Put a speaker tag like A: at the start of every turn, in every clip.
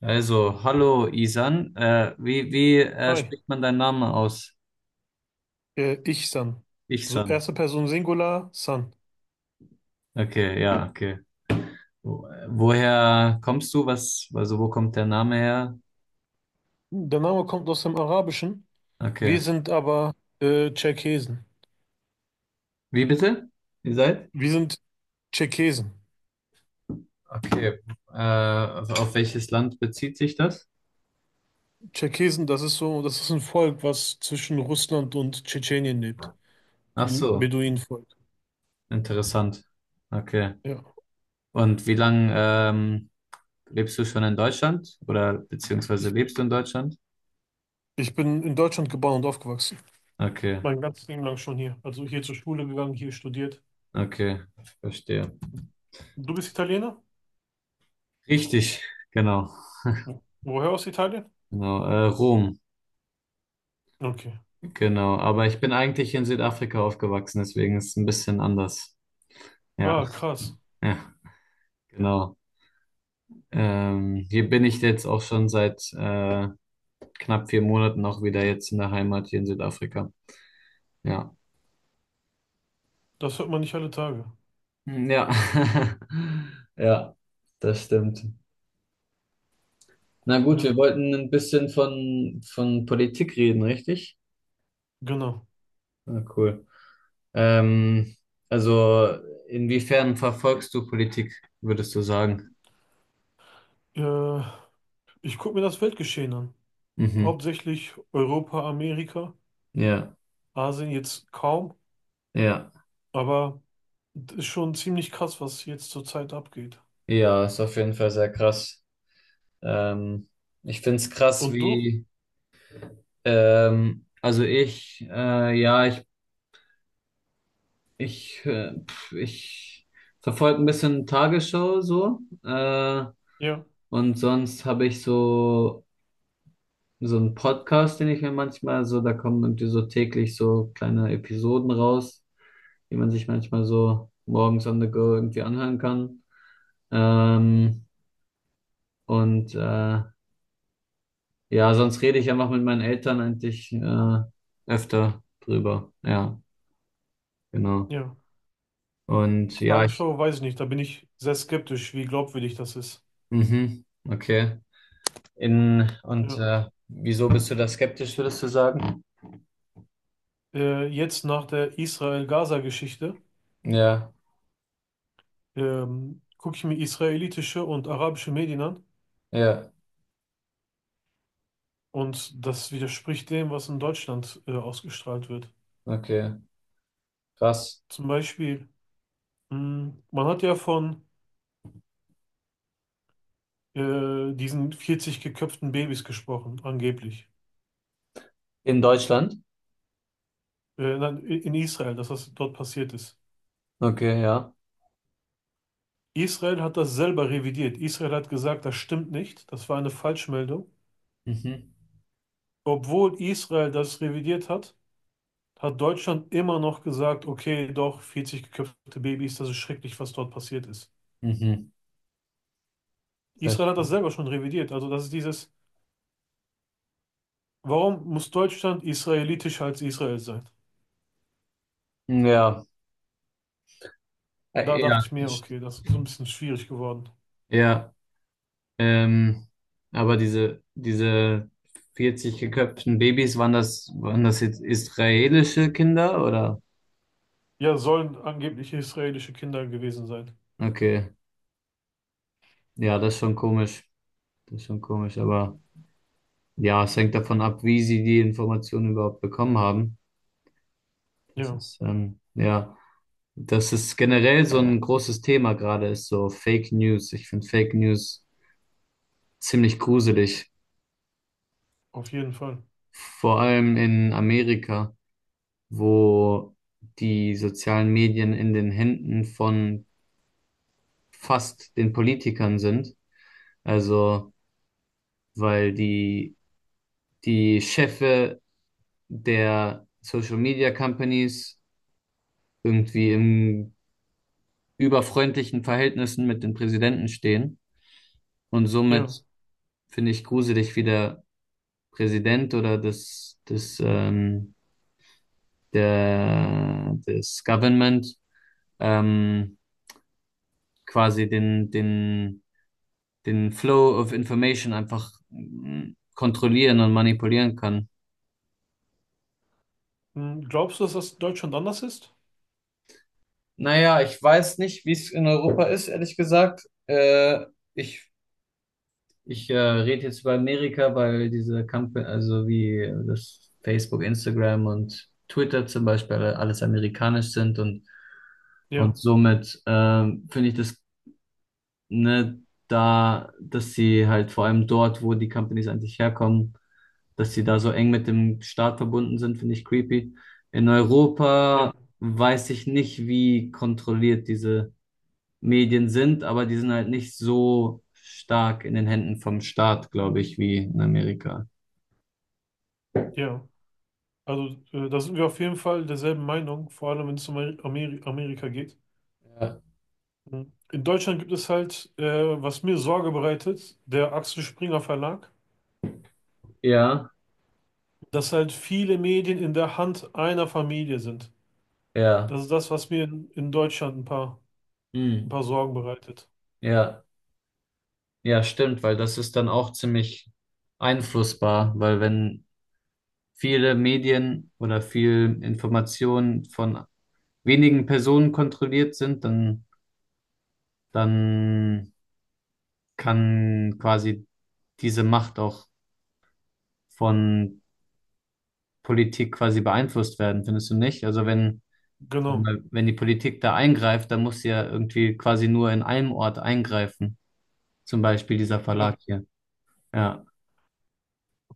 A: Also, hallo Isan. Wie
B: Hi,
A: spricht man deinen Namen aus?
B: ich San. So
A: Ichsan.
B: erste Person Singular, San.
A: Okay, ja, okay. Woher kommst du? Also wo kommt der Name her?
B: Der Name kommt aus dem Arabischen. Wir
A: Okay.
B: sind aber Tscherkesen.
A: Wie bitte? Ihr seid?
B: Wir sind Tscherkesen.
A: Okay. Äh, auf welches Land bezieht sich das?
B: Tscherkesen, das ist so, das ist ein Volk, was zwischen Russland und Tschetschenien lebt.
A: Ach
B: So ein
A: so,
B: Beduinenvolk.
A: interessant. Okay.
B: Ja.
A: Und wie lange lebst du schon in Deutschland? Oder beziehungsweise
B: Ich,
A: lebst du in Deutschland?
B: ich bin in Deutschland geboren und aufgewachsen.
A: Okay,
B: Mein ganzes Leben lang schon hier. Also hier zur Schule gegangen, hier studiert.
A: okay, verstehe.
B: Du bist Italiener?
A: Richtig, genau.
B: Woher aus Italien?
A: Genau, Rom.
B: Okay.
A: Genau, aber ich bin eigentlich in Südafrika aufgewachsen, deswegen ist es ein bisschen anders. Ja,
B: Ah, krass.
A: ja, genau. Hier bin ich jetzt auch schon seit knapp 4 Monaten auch wieder jetzt in der Heimat hier in Südafrika. Ja,
B: Das hört man nicht alle Tage.
A: hm, ja, ja, das stimmt. Na gut,
B: Ja,
A: wir wollten ein bisschen von Politik reden, richtig?
B: genau.
A: Ah, cool. Ähm, also, inwiefern verfolgst du Politik, würdest du sagen?
B: Äh, Ich gucke mir das Weltgeschehen an.
A: Mhm.
B: Hauptsächlich Europa, Amerika,
A: Ja,
B: Asien jetzt kaum,
A: ja.
B: aber es ist schon ziemlich krass, was jetzt zurzeit abgeht.
A: Ja, ist auf jeden Fall sehr krass. Ähm, Ich finde es krass,
B: Und du?
A: wie, also ich, ja, ich, pf, ich verfolge ein bisschen Tagesschau so,
B: Ja,
A: und sonst habe ich so einen Podcast, den ich mir manchmal so, da kommen irgendwie so täglich so kleine Episoden raus, die man sich manchmal so morgens on the go irgendwie anhören kann. Ähm, und äh, Ja, sonst rede ich einfach mit meinen Eltern eigentlich öfter drüber. Ja, genau.
B: ja.
A: Und ja, ich,
B: Tagesschau weiß ich nicht, da bin ich sehr skeptisch, wie glaubwürdig das ist.
A: mhm, okay. In, und
B: Ja.
A: Wieso bist du da skeptisch, würdest du sagen?
B: Jetzt nach der Israel-Gaza-Geschichte
A: Ja,
B: gucke ich mir israelitische und arabische Medien an,
A: ja,
B: und das widerspricht dem, was in Deutschland ausgestrahlt wird.
A: okay. Krass.
B: Zum Beispiel, man hat ja von diesen 40 geköpften Babys gesprochen, angeblich.
A: In Deutschland?
B: Nein, in Israel, dass das dort passiert ist.
A: Okay, ja.
B: Israel hat das selber revidiert. Israel hat gesagt, das stimmt nicht, das war eine Falschmeldung.
A: Mhm,
B: Obwohl Israel das revidiert hat, hat Deutschland immer noch gesagt, okay, doch, 40 geköpfte Babys, das ist schrecklich, was dort passiert ist.
A: mhm.
B: Israel hat
A: Verste-
B: das selber schon revidiert. Also das ist dieses, warum muss Deutschland israelitischer als Israel sein?
A: Ja,
B: Da dachte
A: ja,
B: ich mir, okay, das ist so ein bisschen schwierig geworden.
A: ja. Ähm, aber diese 40 geköpften Babys, waren das jetzt israelische Kinder oder?
B: Ja, sollen angeblich israelische Kinder gewesen sein.
A: Okay, ja, das ist schon komisch. Das ist schon komisch, aber ja, es hängt davon ab, wie sie die Informationen überhaupt bekommen haben.
B: Ja,
A: Ja, das ist generell so ein großes Thema gerade, ist so Fake News. Ich finde Fake News ziemlich gruselig.
B: auf jeden Fall.
A: Vor allem in Amerika, wo die sozialen Medien in den Händen von fast den Politikern sind. Also, weil die Chefe der Social Media Companies irgendwie im überfreundlichen Verhältnissen mit den Präsidenten stehen. Und
B: Ja.
A: somit finde ich gruselig, wie der Präsident oder das Government ähm, quasi den Flow of Information einfach kontrollieren und manipulieren kann.
B: Hm, glaubst du, dass das in Deutschland anders ist?
A: Naja, ich weiß nicht, wie es in Europa ist, ehrlich gesagt. Ich Ich rede jetzt über Amerika, weil diese Company, also wie das Facebook, Instagram und Twitter zum Beispiel alles amerikanisch sind, und,
B: Ja,
A: und somit finde ich das, ne, dass sie halt vor allem dort, wo die Companies eigentlich herkommen, dass sie da so eng mit dem Staat verbunden sind, finde ich creepy. In
B: ja,
A: Europa weiß ich nicht, wie kontrolliert diese Medien sind, aber die sind halt nicht so stark in den Händen vom Staat, glaube ich, wie in Amerika.
B: ja. Also, da sind wir auf jeden Fall derselben Meinung, vor allem wenn es um Amerika geht.
A: Ja,
B: Hm. In Deutschland gibt es halt, was mir Sorge bereitet, der Axel Springer Verlag,
A: ja,
B: dass halt viele Medien in der Hand einer Familie sind. Das
A: ja,
B: ist das, was mir in Deutschland ein
A: hm,
B: paar Sorgen bereitet.
A: ja, ja, stimmt, weil das ist dann auch ziemlich einflussbar, weil wenn viele Medien oder viel Information von wenigen Personen kontrolliert sind, dann kann quasi diese Macht auch von Politik quasi beeinflusst werden, findest du nicht?
B: Genau.
A: Wenn die Politik da eingreift, dann muss sie ja irgendwie quasi nur in einem Ort eingreifen. Zum Beispiel dieser
B: Ja.
A: Verlag hier. Ja.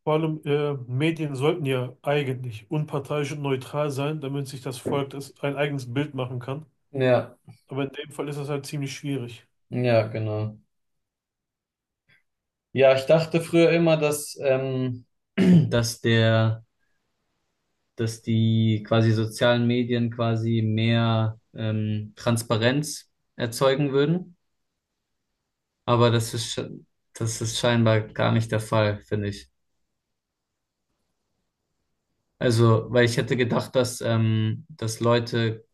B: Vor allem Medien sollten ja eigentlich unparteiisch und neutral sein, damit sich das Volk das ein eigenes Bild machen kann.
A: Ja,
B: Aber in dem Fall ist das halt ziemlich schwierig.
A: ja, genau. Ja, ich dachte früher immer, Dass der, dass die quasi sozialen Medien quasi mehr Transparenz erzeugen würden. Aber das ist scheinbar gar nicht der Fall, finde ich. Also, weil ich hätte gedacht, dass Leute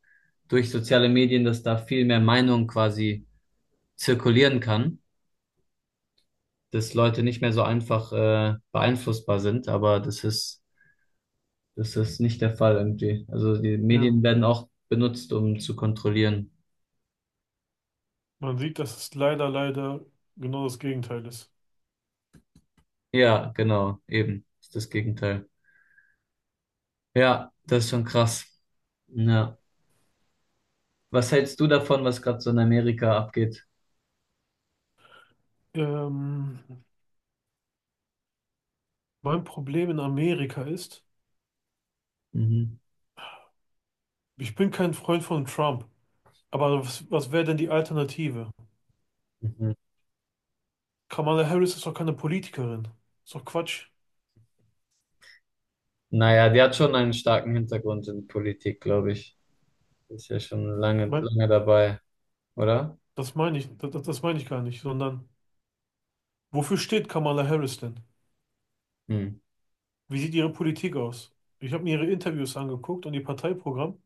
A: durch soziale Medien, dass da viel mehr Meinung quasi zirkulieren kann, dass Leute nicht mehr so einfach beeinflussbar sind, aber das ist nicht der Fall irgendwie. Also die
B: Ja,
A: Medien werden auch benutzt, um zu kontrollieren.
B: man sieht, dass es leider, leider genau das Gegenteil ist.
A: Ja, genau, eben, ist das Gegenteil. Ja, das ist schon krass. Ja. Was hältst du davon, was gerade so in Amerika abgeht?
B: Ähm, Mein Problem in Amerika ist,
A: Mhm.
B: ich bin kein Freund von Trump. Aber was, was wäre denn die Alternative?
A: Mhm.
B: Kamala Harris ist doch keine Politikerin. Ist doch Quatsch.
A: Naja, die hat schon einen starken Hintergrund in Politik, glaube ich. Ist ja schon lange,
B: Mein,
A: lange dabei, oder?
B: das meine ich, das meine ich gar nicht, sondern wofür steht Kamala Harris denn?
A: Hm.
B: Wie sieht Ihre Politik aus? Ich habe mir Ihre Interviews angeguckt und Ihr Parteiprogramm.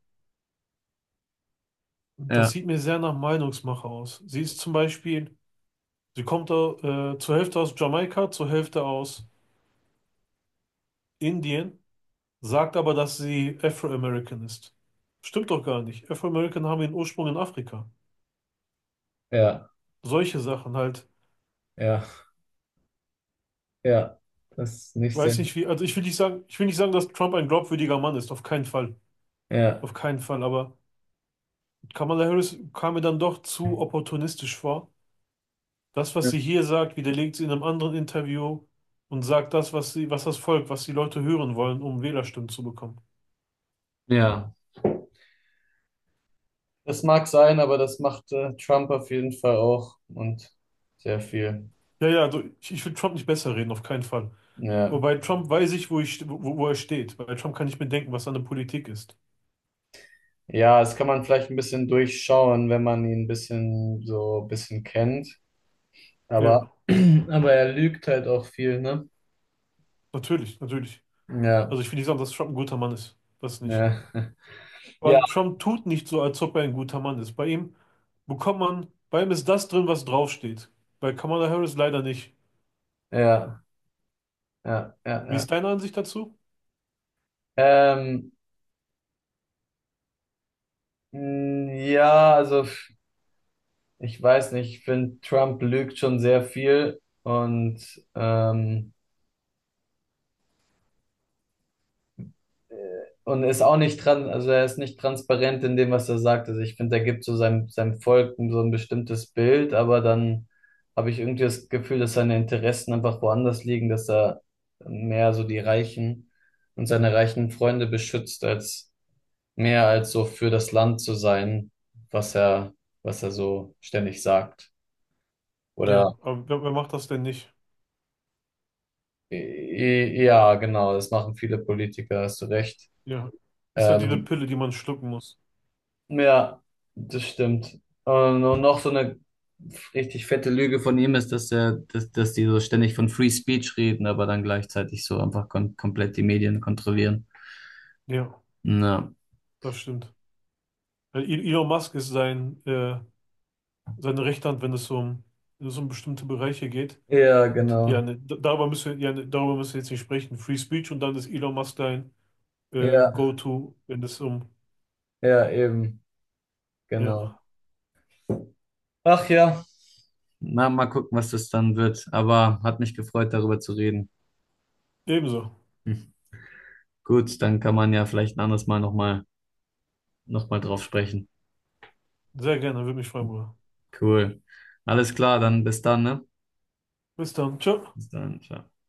B: Das
A: Ja,
B: sieht mir sehr nach Meinungsmache aus. Sie ist zum Beispiel, sie kommt zur Hälfte aus Jamaika, zur Hälfte aus Indien, sagt aber, dass sie Afro-American ist. Stimmt doch gar nicht. Afro-American haben ihren Ursprung in Afrika.
A: ja,
B: Solche Sachen halt.
A: ja, ja. Das ist nicht
B: Weiß
A: sehr.
B: nicht wie, also ich will nicht sagen, dass Trump ein glaubwürdiger Mann ist, auf keinen Fall.
A: Ja.
B: Auf keinen Fall, aber Kamala Harris kam mir dann doch zu opportunistisch vor. Das, was
A: Ja.
B: sie hier sagt, widerlegt sie in einem anderen Interview und sagt das, was sie, was das Volk, was die Leute hören wollen, um Wählerstimmen zu bekommen.
A: Ja, das mag sein, aber das macht Trump auf jeden Fall auch und sehr viel.
B: Ja, ja, also ich will Trump nicht besser reden, auf keinen Fall. Aber
A: Ja.
B: bei Trump weiß ich, wo, wo er steht. Bei Trump kann ich mir denken, was seine Politik ist.
A: Ja, das kann man vielleicht ein bisschen durchschauen, wenn man ihn ein bisschen so ein bisschen kennt. Aber,
B: Ja,
A: aber er lügt halt auch viel, ne?
B: natürlich, natürlich.
A: Ja,
B: Also ich will nicht sagen, dass Trump ein guter Mann ist. Das nicht.
A: ja. Ja,
B: Aber Trump tut nicht so, als ob er ein guter Mann ist. Bei ihm bekommt man, bei ihm ist das drin, was draufsteht. Bei Kamala Harris leider nicht.
A: ja, ja, ja,
B: Wie
A: ja.
B: ist deine Ansicht dazu?
A: Ähm, ja, also. Ich weiß nicht, ich finde, Trump lügt schon sehr viel ähm, äh, und ist auch nicht dran, also er ist nicht transparent in dem, was er sagt. Also ich finde, er gibt so seinem Volk so ein bestimmtes Bild, aber dann habe ich irgendwie das Gefühl, dass seine Interessen einfach woanders liegen, dass er mehr so die Reichen und seine reichen Freunde beschützt, als mehr als so für das Land zu sein, was er, was er so ständig sagt. Oder?
B: Ja, aber wer, wer macht das denn nicht?
A: Ja, genau, das machen viele Politiker, hast du recht.
B: Ja, ist halt diese
A: Ähm,
B: Pille, die man schlucken muss.
A: ja, das stimmt. Und noch so eine richtig fette Lüge von ihm ist, dass die so ständig von Free Speech reden, aber dann gleichzeitig so einfach kon komplett die Medien kontrollieren.
B: Ja,
A: Ja.
B: das stimmt. Weil Elon Musk ist sein, seine rechte Hand, wenn es so um, wenn es um bestimmte Bereiche geht.
A: Ja,
B: Und ja,
A: genau.
B: ne, darüber müssen wir, ja, ne, darüber müssen wir jetzt nicht sprechen. Free Speech und dann ist Elon Musk dein
A: Ja,
B: Go-To, wenn es um.
A: ja, eben, genau.
B: Ja,
A: Ach ja. Na, mal gucken, was das dann wird. Aber hat mich gefreut, darüber zu reden.
B: ebenso.
A: Hm. Gut, dann kann man ja vielleicht ein anderes Mal noch mal drauf sprechen.
B: Sehr gerne, würde mich freuen, Bruder.
A: Cool. Alles klar, dann bis dann, ne?
B: Bis dann. Ciao.
A: Bis dann. Ciao.